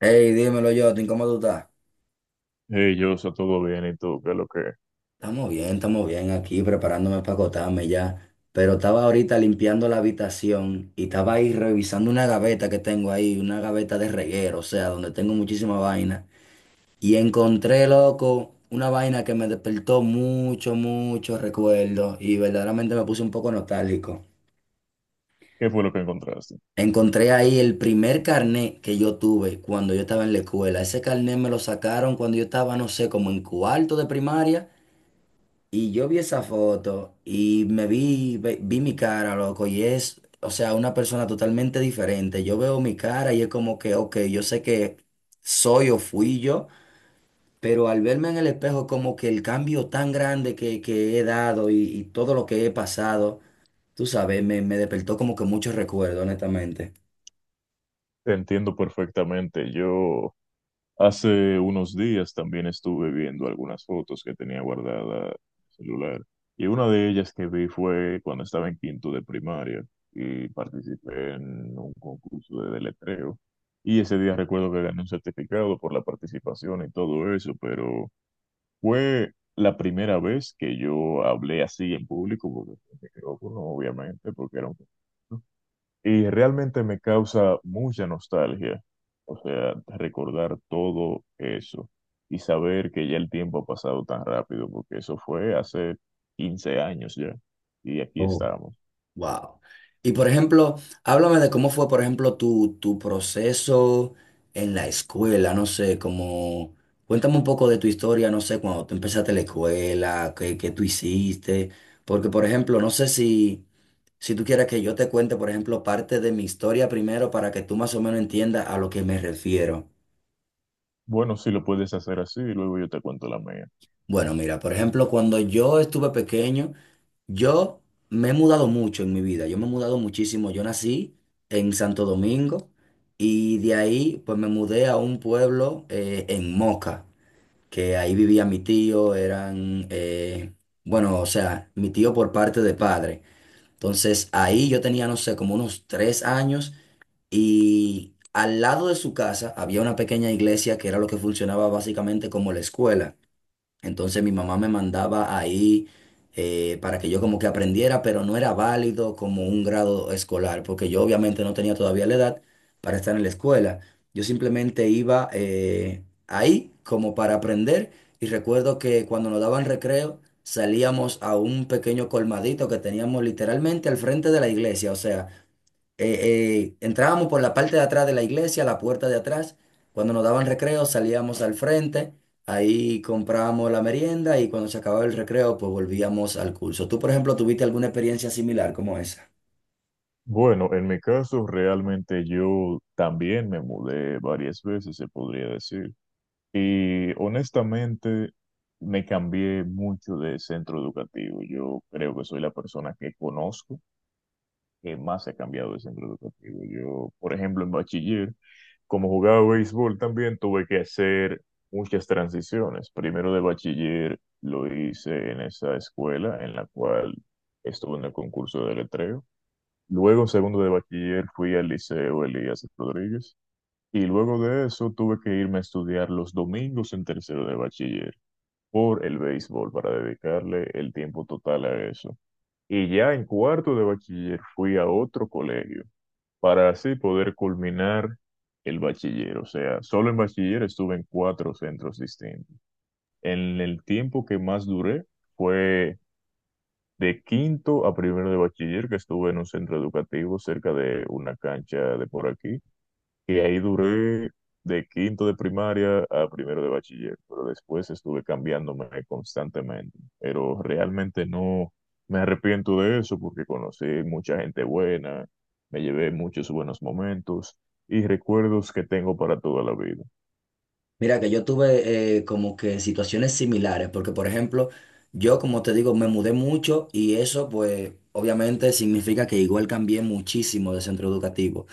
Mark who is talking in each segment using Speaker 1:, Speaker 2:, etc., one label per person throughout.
Speaker 1: Hey, dímelo, yo. ¿Cómo tú estás?
Speaker 2: Hey, yo, está todo bien y tú, ¿qué es lo que,
Speaker 1: Estamos bien aquí preparándome para acotarme ya. Pero estaba ahorita limpiando la habitación y estaba ahí revisando una gaveta que tengo ahí, una gaveta de reguero, o sea, donde tengo muchísima vaina. Y encontré, loco, una vaina que me despertó mucho, mucho recuerdo y verdaderamente me puse un poco nostálgico.
Speaker 2: qué fue lo que encontraste?
Speaker 1: Encontré ahí el primer carnet que yo tuve cuando yo estaba en la escuela. Ese carnet me lo sacaron cuando yo estaba, no sé, como en cuarto de primaria. Y yo vi esa foto y me vi, vi mi cara, loco, y es, o sea, una persona totalmente diferente. Yo veo mi cara y es como que, ok, yo sé que soy o fui yo, pero al verme en el espejo, como que el cambio tan grande que he dado y todo lo que he pasado, tú sabes, me despertó como que muchos recuerdos, honestamente.
Speaker 2: Te entiendo perfectamente. Yo hace unos días también estuve viendo algunas fotos que tenía guardada en el celular y una de ellas que vi fue cuando estaba en quinto de primaria y participé en un concurso de deletreo y ese día recuerdo que gané un certificado por la participación y todo eso, pero fue la primera vez que yo hablé así en público porque con micrófono, obviamente, porque era un concurso. Y realmente me causa mucha nostalgia, o sea, recordar todo eso y saber que ya el tiempo ha pasado tan rápido, porque eso fue hace 15 años ya, y aquí estamos.
Speaker 1: Wow. Y por ejemplo, háblame de cómo fue, por ejemplo, tu proceso en la escuela, no sé, como, cuéntame un poco de tu historia, no sé, cuando tú empezaste la escuela, qué tú hiciste, porque por ejemplo, no sé si, si tú quieres que yo te cuente, por ejemplo, parte de mi historia primero para que tú más o menos entiendas a lo que me refiero.
Speaker 2: Bueno, si lo puedes hacer así, y luego yo te cuento la mía.
Speaker 1: Bueno, mira, por ejemplo, cuando yo estuve pequeño, yo me he mudado mucho en mi vida, yo me he mudado muchísimo. Yo nací en Santo Domingo y de ahí pues me mudé a un pueblo en Moca, que ahí vivía mi tío, eran, bueno, o sea, mi tío por parte de padre. Entonces ahí yo tenía, no sé, como unos 3 años y al lado de su casa había una pequeña iglesia que era lo que funcionaba básicamente como la escuela. Entonces mi mamá me mandaba ahí para que yo como que aprendiera, pero no era válido como un grado escolar, porque yo obviamente no tenía todavía la edad para estar en la escuela. Yo simplemente iba ahí como para aprender y recuerdo que cuando nos daban recreo salíamos a un pequeño colmadito que teníamos literalmente al frente de la iglesia, o sea, eh, entrábamos por la parte de atrás de la iglesia, la puerta de atrás. Cuando nos daban recreo, salíamos al frente, ahí comprábamos la merienda y cuando se acababa el recreo, pues volvíamos al curso. ¿Tú, por ejemplo, tuviste alguna experiencia similar como esa?
Speaker 2: Bueno, en mi caso, realmente yo también me mudé varias veces, se podría decir, y honestamente me cambié mucho de centro educativo. Yo creo que soy la persona que conozco que más se ha cambiado el centro educativo. Yo, por ejemplo, en bachiller, como jugaba béisbol también, tuve que hacer muchas transiciones. Primero de bachiller lo hice en esa escuela en la cual estuve en el concurso de letreo. Luego, en segundo de bachiller, fui al Liceo Elías Rodríguez. Y luego de eso tuve que irme a estudiar los domingos en tercero de bachiller por el béisbol para dedicarle el tiempo total a eso. Y ya en cuarto de bachiller fui a otro colegio para así poder culminar el bachiller. O sea, solo en bachiller estuve en 4 centros distintos. En el tiempo que más duré fue de quinto a primero de bachiller, que estuve en un centro educativo cerca de una cancha de por aquí, y ahí duré de quinto de primaria a primero de bachiller, pero después estuve cambiándome constantemente. Pero realmente no me arrepiento de eso porque conocí mucha gente buena, me llevé muchos buenos momentos y recuerdos que tengo para toda la vida.
Speaker 1: Mira que yo tuve como que situaciones similares, porque por ejemplo, yo como te digo, me mudé mucho y eso pues obviamente significa que igual cambié muchísimo de centro educativo.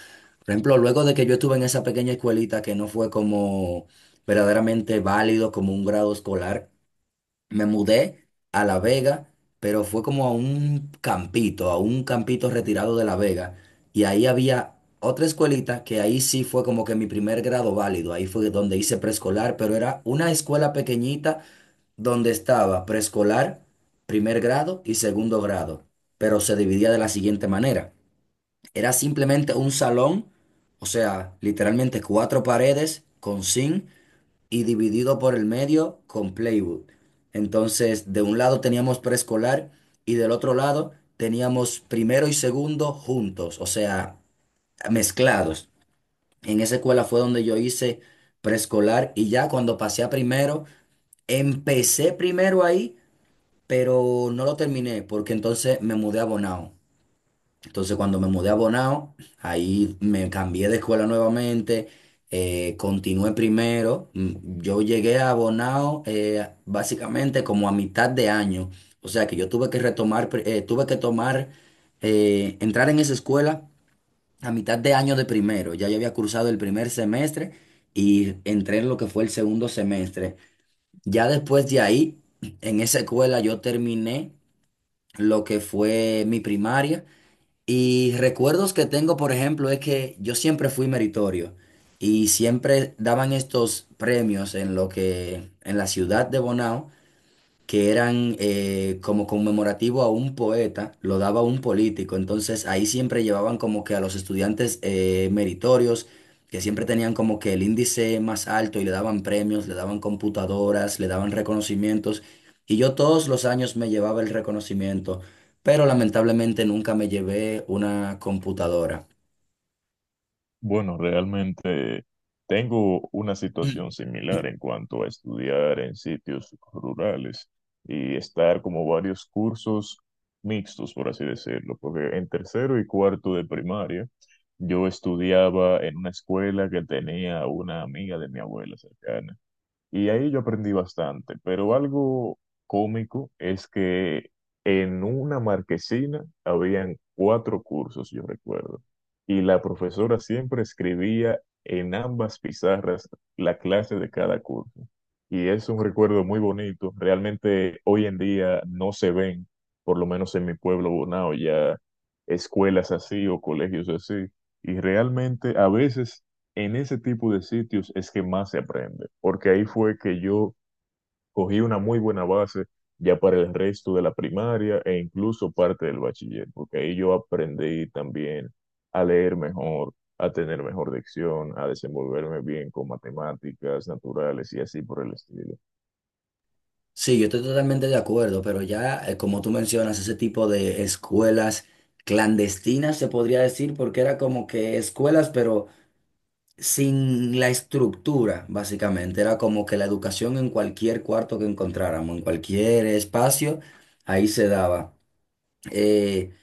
Speaker 1: Por ejemplo, luego de que yo estuve en esa pequeña escuelita que no fue como verdaderamente válido como un grado escolar, me mudé a La Vega, pero fue como a un campito retirado de La Vega. Y ahí había otra escuelita que ahí sí fue como que mi primer grado válido. Ahí fue donde hice preescolar, pero era una escuela pequeñita donde estaba preescolar, primer grado y segundo grado. Pero se dividía de la siguiente manera. Era simplemente un salón, o sea, literalmente cuatro paredes con zinc y dividido por el medio con Playwood. Entonces, de un lado teníamos preescolar y del otro lado teníamos primero y segundo juntos, o sea, mezclados. En esa escuela fue donde yo hice preescolar y ya cuando pasé a primero, empecé primero ahí, pero no lo terminé porque entonces me mudé a Bonao. Entonces, cuando me mudé a Bonao, ahí me cambié de escuela nuevamente, continué primero. Yo llegué a Bonao básicamente como a mitad de año. O sea que yo tuve que retomar, tuve que tomar, entrar en esa escuela a mitad de año de primero. Ya yo había cursado el primer semestre y entré en lo que fue el segundo semestre. Ya después de ahí, en esa escuela yo terminé lo que fue mi primaria. Y recuerdos que tengo, por ejemplo, es que yo siempre fui meritorio y siempre daban estos premios en lo que en la ciudad de Bonao que eran como conmemorativo a un poeta, lo daba un político. Entonces ahí siempre llevaban como que a los estudiantes meritorios, que siempre tenían como que el índice más alto y le daban premios, le daban computadoras, le daban reconocimientos. Y yo todos los años me llevaba el reconocimiento, pero lamentablemente nunca me llevé una computadora.
Speaker 2: Bueno, realmente tengo una situación similar en cuanto a estudiar en sitios rurales y estar como varios cursos mixtos, por así decirlo, porque en tercero y cuarto de primaria yo estudiaba en una escuela que tenía una amiga de mi abuela cercana. Y ahí yo aprendí bastante, pero algo cómico es que en una marquesina habían 4 cursos, yo recuerdo, y la profesora siempre escribía en ambas pizarras la clase de cada curso. Y es un recuerdo muy bonito, realmente hoy en día no se ven, por lo menos en mi pueblo Bonao, ya escuelas así o colegios así. Y realmente a veces en ese tipo de sitios es que más se aprende, porque ahí fue que yo cogí una muy buena base ya para el resto de la primaria e incluso parte del bachiller, porque ahí yo aprendí también a leer mejor, a tener mejor dicción, a desenvolverme bien con matemáticas naturales y así por el estilo.
Speaker 1: Sí, yo estoy totalmente de acuerdo, pero ya, como tú mencionas, ese tipo de escuelas clandestinas se podría decir, porque era como que escuelas, pero sin la estructura, básicamente. Era como que la educación en cualquier cuarto que encontráramos, en cualquier espacio, ahí se daba. Eh,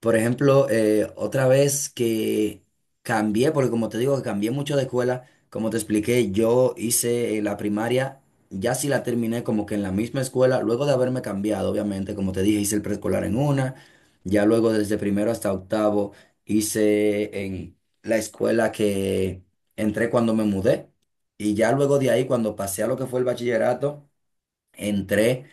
Speaker 1: por ejemplo, otra vez que cambié, porque como te digo, que cambié mucho de escuela, como te expliqué, yo hice la primaria, ya sí la terminé como que en la misma escuela, luego de haberme cambiado, obviamente, como te dije, hice el preescolar en una, ya luego desde primero hasta octavo hice en la escuela que entré cuando me mudé, y ya luego de ahí, cuando pasé a lo que fue el bachillerato, entré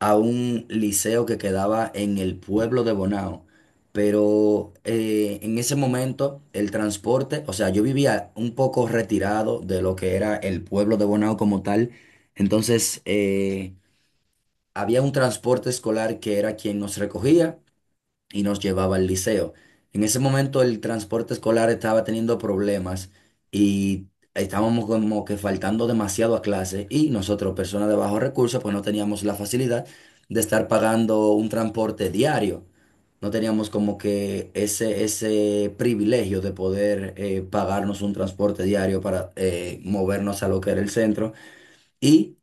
Speaker 1: a un liceo que quedaba en el pueblo de Bonao, pero en ese momento el transporte, o sea, yo vivía un poco retirado de lo que era el pueblo de Bonao como tal, entonces había un transporte escolar que era quien nos recogía y nos llevaba al liceo. En ese momento el transporte escolar estaba teniendo problemas y estábamos como que faltando demasiado a clase y nosotros, personas de bajos recursos, pues no teníamos la facilidad de estar pagando un transporte diario. No teníamos como que ese privilegio de poder pagarnos un transporte diario para movernos a lo que era el centro. Y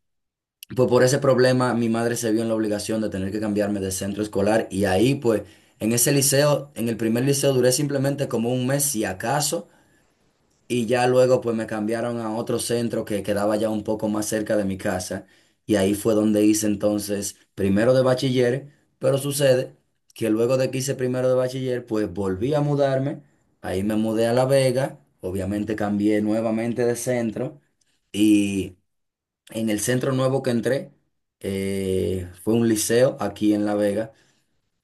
Speaker 1: pues por ese problema mi madre se vio en la obligación de tener que cambiarme de centro escolar y ahí pues en ese liceo, en el primer liceo duré simplemente como un mes si acaso y ya luego pues me cambiaron a otro centro que quedaba ya un poco más cerca de mi casa y ahí fue donde hice entonces primero de bachiller, pero sucede que luego de que hice primero de bachiller pues volví a mudarme, ahí me mudé a La Vega, obviamente cambié nuevamente de centro. Y en el centro nuevo que entré, fue un liceo aquí en La Vega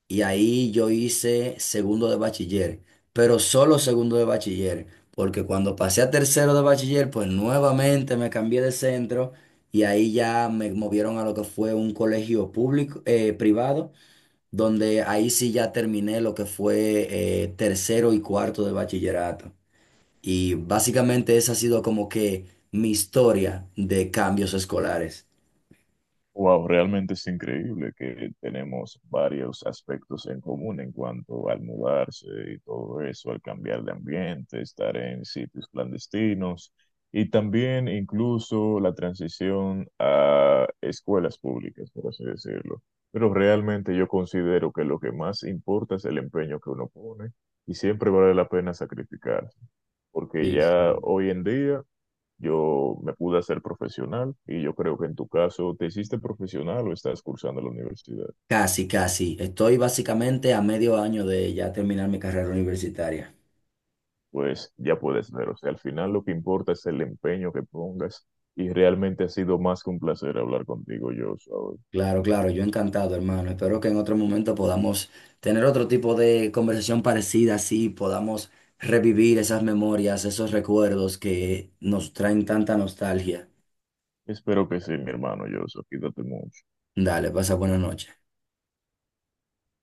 Speaker 1: y ahí yo hice segundo de bachiller, pero solo segundo de bachiller, porque cuando pasé a tercero de bachiller, pues nuevamente me cambié de centro y ahí ya me movieron a lo que fue un colegio público, privado, donde ahí sí ya terminé lo que fue tercero y cuarto de bachillerato. Y básicamente esa ha sido como que mi historia de cambios escolares.
Speaker 2: Wow, realmente es increíble que tenemos varios aspectos en común en cuanto al mudarse y todo eso, al cambiar de ambiente, estar en sitios clandestinos y también incluso la transición a escuelas públicas, por así decirlo. Pero realmente yo considero que lo que más importa es el empeño que uno pone y siempre vale la pena sacrificarse, porque
Speaker 1: Sí,
Speaker 2: ya
Speaker 1: sí.
Speaker 2: hoy en día... Yo me pude hacer profesional y yo creo que en tu caso te hiciste profesional o estás cursando la universidad.
Speaker 1: Casi, casi. Estoy básicamente a medio año de ya terminar mi carrera universitaria.
Speaker 2: Pues ya puedes ver, o sea, al final lo que importa es el empeño que pongas y realmente ha sido más que un placer hablar contigo, Joshua.
Speaker 1: Claro, claro, yo encantado, hermano. Espero que en otro momento podamos tener otro tipo de conversación parecida, así podamos revivir esas memorias, esos recuerdos que nos traen tanta nostalgia.
Speaker 2: Espero que sí, mi hermano Joshua. Cuídate mucho.
Speaker 1: Dale, pasa buena noche.